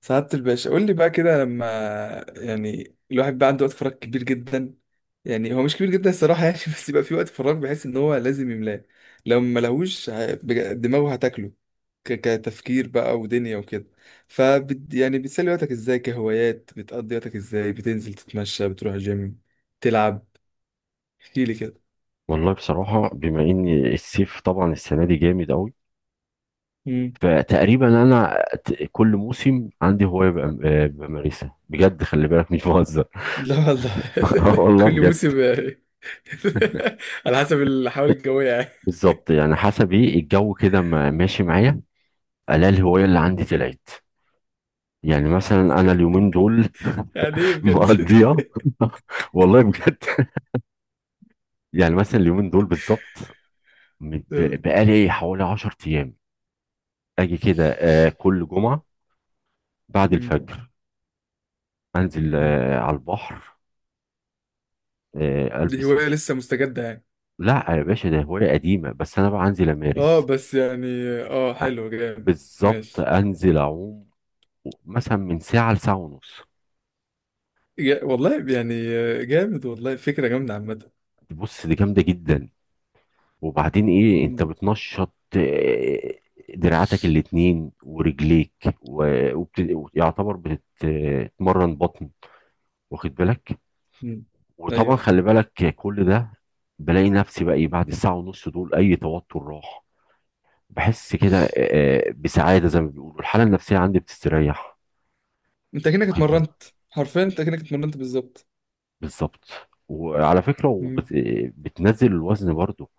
سعادة الباشا قول لي بقى كده لما يعني الواحد بقى عنده وقت فراغ كبير جدا. يعني هو مش كبير جدا الصراحة يعني بس يبقى في وقت فراغ بحيث ان هو لازم يملاه. لو ما لهوش دماغه هتاكله كتفكير بقى ودنيا وكده. ف يعني بتسلي وقتك ازاي، كهوايات بتقضي وقتك ازاي، بتنزل تتمشى، بتروح جيم، تلعب؟ احكي لي كده. والله بصراحة بما ان الصيف طبعا السنة دي جامد قوي. مم. فتقريبا انا كل موسم عندي هواية بمارسها بجد، خلي بالك مش بهزر. لا والله. آه والله كل بجد. موسم يعني. على حسب الحوالي الجوية يعني. بالظبط، يعني حسب ايه الجو كده ماشي معايا، الاقي الهواية اللي عندي طلعت. يعني مثلا انا اليومين دول يعني ايه بجد؟ مقضيها والله بجد. يعني مثلا اليومين دول بالظبط، بقالي حوالي 10 ايام، اجي كده كل جمعة بعد الفجر، انزل مم. على البحر، آه، دي البس هواية الش- لسه مستجدة يعني؟ لا يا باشا، ده هوايه قديمه، بس انا بقى انزل اه امارس. بس يعني، اه أ- حلو جامد بالظبط، ماشي. انزل اعوم مثلا من ساعه لساعه ونص. والله يعني آه، جامد، والله فكرة جامدة عامة. بص، دي جامده جدا. وبعدين ايه، انت مم. بتنشط دراعاتك الاتنين ورجليك، ويعتبر بتتمرن بطن، واخد بالك؟ مم. وطبعا ايوه. خلي بالك كل ده، بلاقي نفسي بقى ايه، بعد الساعه ونص دول اي توتر راح. بحس كده بسعادة، زي ما بيقولوا الحالة النفسية عندي بتستريح، انت كأنك واخد بالك. اتمرنت، حرفيا انت كأنك اتمرنت بالظبط. بالظبط. وعلى فكرة مم. بتنزل الوزن برضو،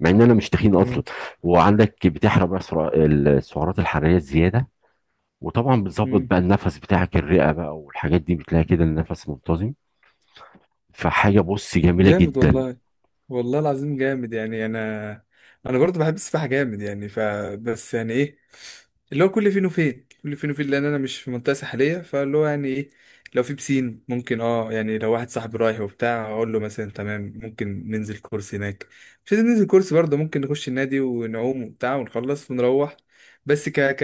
مع ان انا مش تخين اصلا. مم. وعندك بتحرق بقى السعرات الحرارية الزيادة. وطبعا بتظبط مم. بقى النفس بتاعك، الرئة بقى والحاجات دي، بتلاقي كده النفس منتظم. فحاجة، بص، جميلة جامد جدا. والله، والله العظيم جامد. يعني انا، انا برضو بحب السباحه جامد يعني. بس يعني ايه، اللي هو كل فين وفين، كل فين وفين لان انا مش في منطقه ساحليه، فاللي هو يعني ايه، لو في بسين ممكن اه يعني، لو واحد صاحبي رايح وبتاع اقول له مثلا تمام ممكن ننزل كورس هناك. مش لازم ننزل كورس برضه، ممكن نخش النادي ونعوم وبتاع ونخلص ونروح. بس ك ك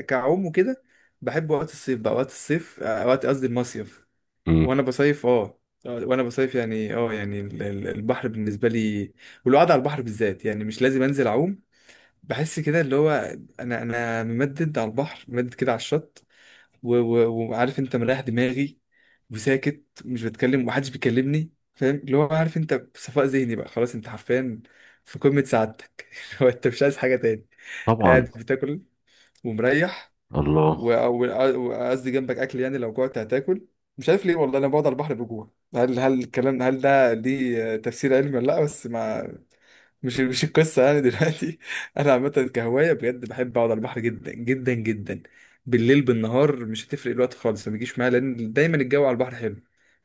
كعوم وكده. بحب وقت الصيف بقى، وقت الصيف آه، وقت قصدي المصيف، مم. وانا بصيف اه. آه، وانا بصيف يعني اه، يعني البحر بالنسبه لي والقعده على البحر بالذات، يعني مش لازم انزل اعوم. بحس كده اللي هو، انا ممدد على البحر، ممدد كده على الشط وعارف انت، مريح دماغي وساكت، مش بتكلم ومحدش بيكلمني، فاهم اللي هو، عارف انت، صفاء ذهني بقى خلاص، انت حرفيا في قمه سعادتك. اللي هو انت مش عايز حاجه تاني، قاعد طبعا. بتاكل ومريح و- الله. وقصدي جنبك اكل، يعني لو جوعت هتاكل. مش عارف ليه والله انا بقعد على البحر بجوع، هل الكلام، هل ده ليه تفسير علمي ولا لا؟ بس ما، مش القصه يعني دلوقتي. انا عامه كهوايه بجد بحب اقعد على البحر جدا جدا جدا. بالليل بالنهار مش هتفرق، الوقت خالص ما بيجيش معايا، لان دايما الجو على البحر حلو.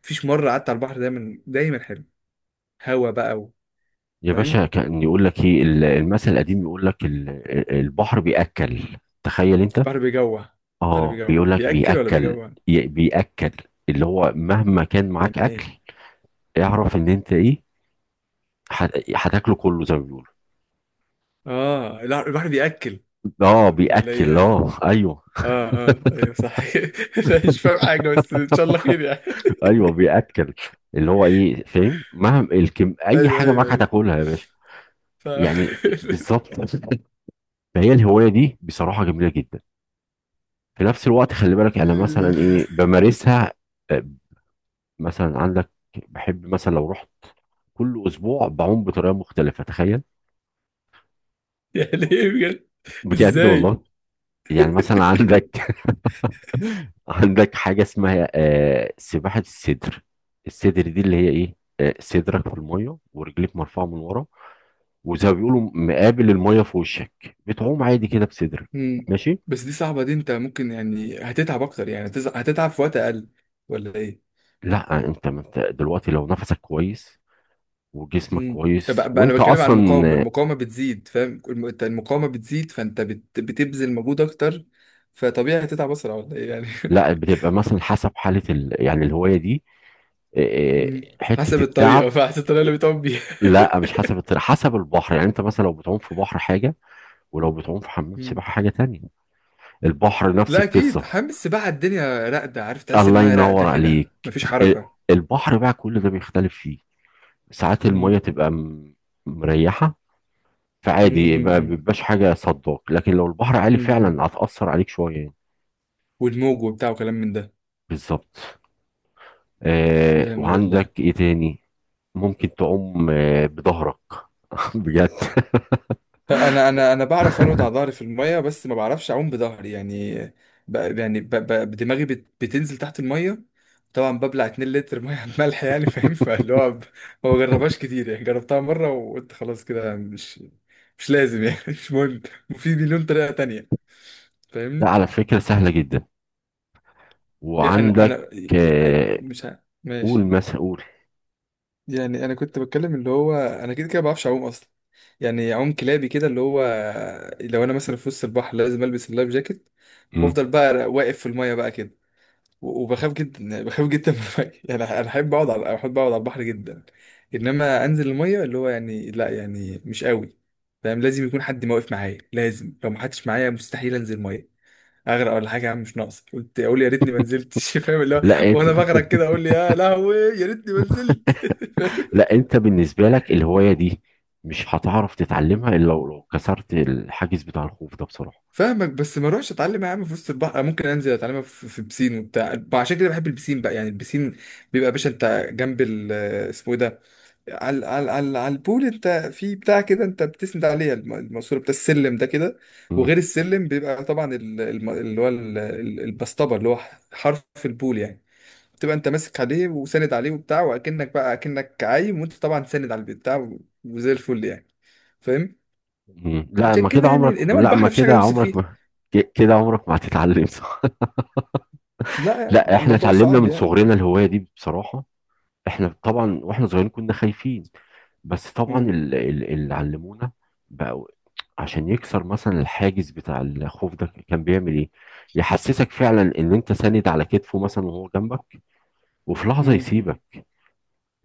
مفيش مره قعدت على البحر، دايما دايما حلو، هوا بقى يا فاهم؟ باشا، كان يقول لك ايه المثل القديم، يقول لك البحر بيأكل، تخيل انت. البحر بيجوع. البحر اه بيجوع، بيقول لك بياكل ولا بيأكل. بيجوع؟ بيأكل، اللي هو مهما كان يعني معاك اكل، ايه؟ اعرف ان انت ايه، هتاكله كله زي ما بيقولوا. اه لا، البحر بياكل، اه ولا ايه بيأكل، انا؟ اه ايوه. اه، اه ايوه صح. أنا مش فاهم حاجة بس ان شاء الله خير يعني. ايوه بيأكل، اللي هو ايه، فاهم؟ مهما الكم اي ايوه حاجه ايوه معاك ايوه. هتاكلها يا باشا. ف يعني بالظبط. فهي الهوايه دي بصراحه جميله جدا. في نفس الوقت خلي بالك، انا في- مثلا ايه، بمارسها. آه، مثلا عندك، بحب مثلا لو رحت كل اسبوع بعوم بطريقه مختلفه، تخيل. يعني ايه بجد؟ بجد ازاي؟ والله. يعني مثلا عندك عندك حاجة اسمها سباحة الصدر. الصدر دي اللي هي ايه، صدرك في المية ورجليك مرفوعة من ورا، وزي ما بيقولوا مقابل المية في وشك، بتعوم عادي كده بصدرك. مم. ماشي. بس دي صعبة، دي انت ممكن يعني هتتعب اكتر، يعني هتتعب في وقت اقل، ولا ايه؟ لا انت، ما انت دلوقتي لو نفسك كويس، وجسمك امم، كويس، بقى انا وانت بتكلم عن اصلا. المقاومة. المقاومة بتزيد فاهم، انت المقاومة بتزيد فانت بتبذل مجهود اكتر، فطبيعي هتتعب اسرع ولا ايه يعني؟ لا، بتبقى مثلا حسب حالة يعني الهواية دي، مم. حتة حسب الطريقة، التعب. فحسب الطريقة اللي بتقوم بيها. لا، مش حسب الطريق، حسب البحر. يعني انت مثلا لو بتعوم في بحر حاجة، ولو بتعوم في حمام سباحة حاجة تانية. البحر نفس لا اكيد، القصة. حمام السباحه الدنيا راقده، عارف تحس الله المايه راقده ينور كده عليك. مفيش ال- حركه. البحر بقى كل ده بيختلف فيه. ساعات مم. المية تبقى مريحة، مم. فعادي مم. ما مم. بيبقاش حاجة صداك. لكن لو البحر عالي، مم. مم. فعلا هتأثر عليك شوية يعني. والموج وبتاع وكلام من ده. بالظبط. جامد والله. وعندك ايه تاني؟ ممكن تعوم بظهرك. بجد. انا بعرف ارقد على ظهري في المايه، بس ما بعرفش اعوم بظهري يعني. يعني دماغي بتنزل تحت المايه، طبعا ببلع 2 لتر ميه على الملح يعني، فاهم؟ فاللي هو ما بجربهاش كتير يعني. جربتها مره وقلت خلاص كده، مش مش لازم يعني. مش مهم، في مليون طريقه تانية، لا، فاهمني؟ على فكرة سهلة جدا. إيه، انا، وعندك، انا إيه، آه مش قول ماشي. مثلا، قول. يعني انا كنت بتكلم اللي هو، انا كده كده ما بعرفش اعوم اصلا، يعني اعوم كلابي كده اللي هو. لو انا مثلا في وسط البحر لازم البس اللايف جاكيت، مم. وافضل بقى واقف في الميه بقى كده وبخاف جدا، يعني بخاف جدا من الميه. يعني انا احب اقعد على، احب اقعد على البحر جدا. انما انزل الميه، اللي هو يعني لا، يعني مش قوي فاهم، لازم يكون حد ما واقف معايا. لازم، لو ما حدش معايا مستحيل انزل ميه. اغرق ولا حاجه يا عم، مش ناقص قلت اقول يا ريتني ما نزلتش. فاهم اللي هو، لا وانا انت بغرق كده اقول لي يا لهوي يا ريتني ما نزلت. لا انت بالنسبه لك الهوايه دي مش هتعرف فاهم؟ تتعلمها الا لو كسرت الحاجز بتاع الخوف ده بصراحه. فاهمك، بس ما اروحش اتعلم يا عم في وسط البحر، ممكن انزل اتعلمها في، في بسين وبتاع. عشان كده بحب البسين بقى يعني. البسين بيبقى يا باشا انت جنب ال، اسمه ايه ده، على، على، على، على البول انت، في بتاع كده انت بتسند عليها الماسوره بتاع السلم ده كده. مم. وغير السلم بيبقى طبعا اللي هو البسطبه اللي هو حرف البول يعني، تبقى انت ماسك عليه وساند عليه وبتاع، واكنك بقى اكنك عايم وانت طبعا ساند على البتاع وزي الفل يعني، فاهم؟ مم. عشان كده يعني، انما لا البحر ما مفيش حاجه كده تمسك فيه. عمرك ما ك- كده عمرك ما هتتعلم. صح. لا يعني لا، احنا الموضوع اتعلمنا صعب من يعني. صغرنا الهوايه دي بصراحه. احنا طبعا واحنا صغيرين كنا خايفين، بس طبعا مم. اللي علمونا بقى، عشان يكسر مثلا الحاجز بتاع الخوف ده، كان بيعمل ايه، يحسسك فعلا ان انت ساند على كتفه مثلا وهو جنبك، وفي لحظه مم. يسيبك.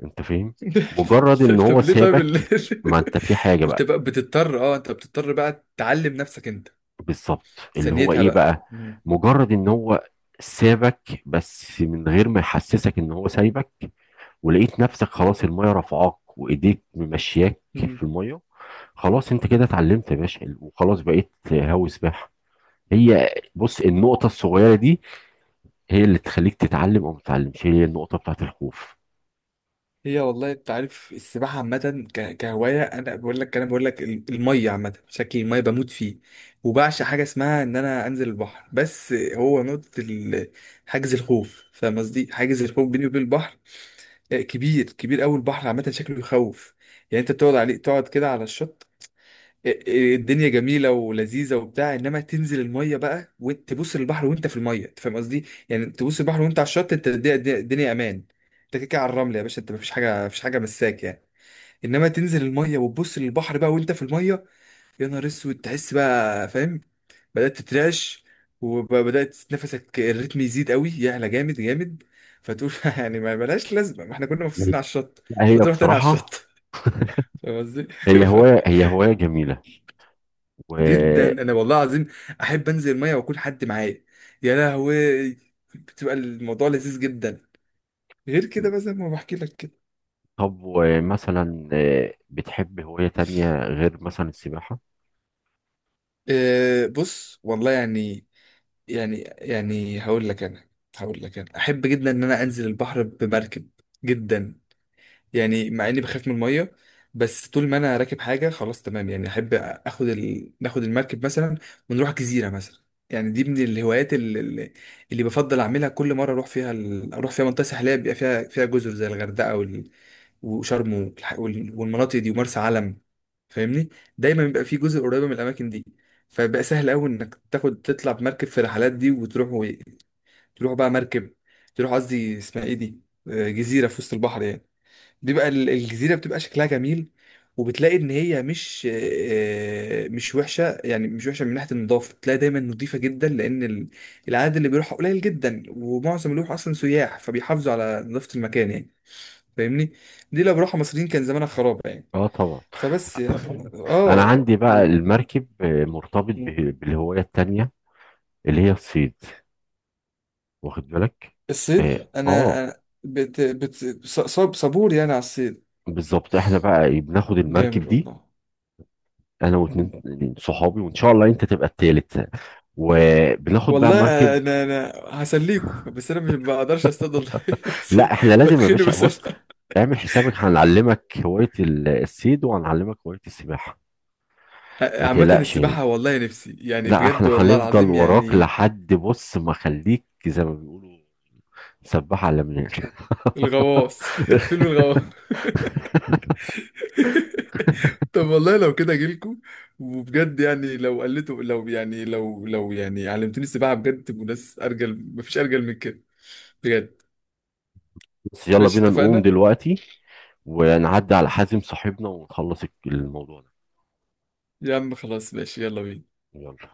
انت فاهم. مجرد ان هو طب ليه؟ طيب سابك، ما انت في حاجة انت بقى. بقى بتضطر، اه انت بتضطر بقى تعلم نفسك انت، بالظبط، اللي هو ثانيتها ايه بقى. بقى، مجرد ان هو سابك، بس من غير ما يحسسك ان هو سايبك، ولقيت نفسك خلاص المية رفعاك وايديك ممشياك مم. في المية. خلاص انت كده اتعلمت يا باشا، وخلاص بقيت هاوي سباحة. هي بص، النقطة الصغيرة دي هي اللي تخليك تتعلم او ما تتعلمش، هي النقطة بتاعت الخوف. هي والله، انت عارف السباحه عامه، كهوايه انا بقول لك، انا بقول لك الميه عامه بشكل، الميه بموت فيه. وبعشق حاجه اسمها ان انا انزل البحر، بس هو نقطه حاجز الخوف فاهم قصدي، حاجز الخوف بيني وبين البحر آه، كبير، كبير قوي. البحر عامه شكله يخوف. يعني انت تقعد عليه تقعد كده على الشط، الدنيا جميله ولذيذه وبتاع، انما تنزل الميه بقى وتبص للبحر وانت في الميه، انت فاهم قصدي يعني؟ تبص للبحر وانت على الشط، انت الدنيا، الدنيا امان. انت كده كده على الرمل يا باشا، انت مفيش حاجه، مفيش حاجه مساك يعني. انما تنزل الميه وتبص للبحر بقى وانت في الميه، يا نهار اسود، تحس بقى فاهم، بدات تترعش، وبدات نفسك الريتم يزيد قوي، يعلى جامد جامد، فتقول. يعني ما ملهاش لازمه، ما احنا كنا مبسوطين على الشط، لا، هي فتروح تاني على بصراحة الشط، فاهم قصدي؟ هي هواية جميلة. جدا، و. انا والله العظيم احب انزل ميه واكون حد معايا، يا لهوي بتبقى الموضوع لذيذ جدا، غير كده بقى زي ما بحكي لك كده. طب ومثلا، بتحب هواية تانية غير مثلا السباحة؟ أه بص والله يعني، يعني يعني هقول لك انا، هقول لك انا احب جدا ان انا انزل البحر بمركب، جدا. يعني مع اني بخاف من الميه، بس طول ما انا راكب حاجه خلاص تمام يعني. احب اخد ال، ناخد المركب مثلا ونروح جزيره مثلا، يعني دي من الهوايات اللي، اللي بفضل اعملها كل مره اروح فيها ال، اروح فيها منطقه ساحليه بيبقى فيها، فيها جزر زي الغردقه وال، وشرم والح، وال، والمناطق دي ومرسى علم، فاهمني؟ دايما بيبقى في جزر قريبه من الاماكن دي، فبقى سهل قوي انك تاخد تطلع بمركب في الرحلات دي وتروح و، تروح بقى مركب، تروح قصدي اسمها ايه دي، آه، جزيره في وسط البحر يعني. دي بقى الجزيرة بتبقى شكلها جميل، وبتلاقي ان هي مش آه، مش وحشة يعني، مش وحشة من ناحية النظافة، تلاقي دايما نظيفة جدا لان العدد اللي بيروحها قليل جدا، ومعظم اللي بيروح اصلا سياح فبيحافظوا على نظافة المكان يعني، فاهمني؟ دي لو بروحها مصريين كان زمانها خراب يعني. اه طبعا. فبس يعني، انا اه عندي بقى و، المركب، مرتبط و- بالهواية التانية، اللي هي الصيد، واخد بالك؟ الصيد. اه. انا، أنا بت... بت... ص- صاب صبور يعني على الصيد. بالظبط، احنا بقى بناخد جامد المركب دي، والله، انا واتنين صحابي، وان شاء الله انت تبقى التالت، وبناخد بقى مركب. والله انا، انا هسليكوا، بس انا مش بقدرش اصطاد والله، لا، احنا لازم يا بتخني باشا، بسرعه. بص، اعمل حسابك هنعلمك هواية الصيد، وهنعلمك هواية السباحة، ما عامه تقلقش. السباحه والله نفسي يعني، لا، بجد احنا والله هنفضل العظيم وراك يعني. لحد بص، ما خليك زي ما بيقولوا سباح على مناك. الغواص، فيلم الغواص. طب والله لو كده اجيلكوا، وبجد يعني لو قلتوا لو يعني لو، لو يعني علمتوني السباحه بجد، تبقوا ناس ارجل مفيش ارجل من كده، بجد. بس يلا ماشي بينا نقوم اتفقنا. دلوقتي، ونعدي على حازم صاحبنا، ونخلص الموضوع ده. يا عم خلاص ماشي يلا بينا. يلا.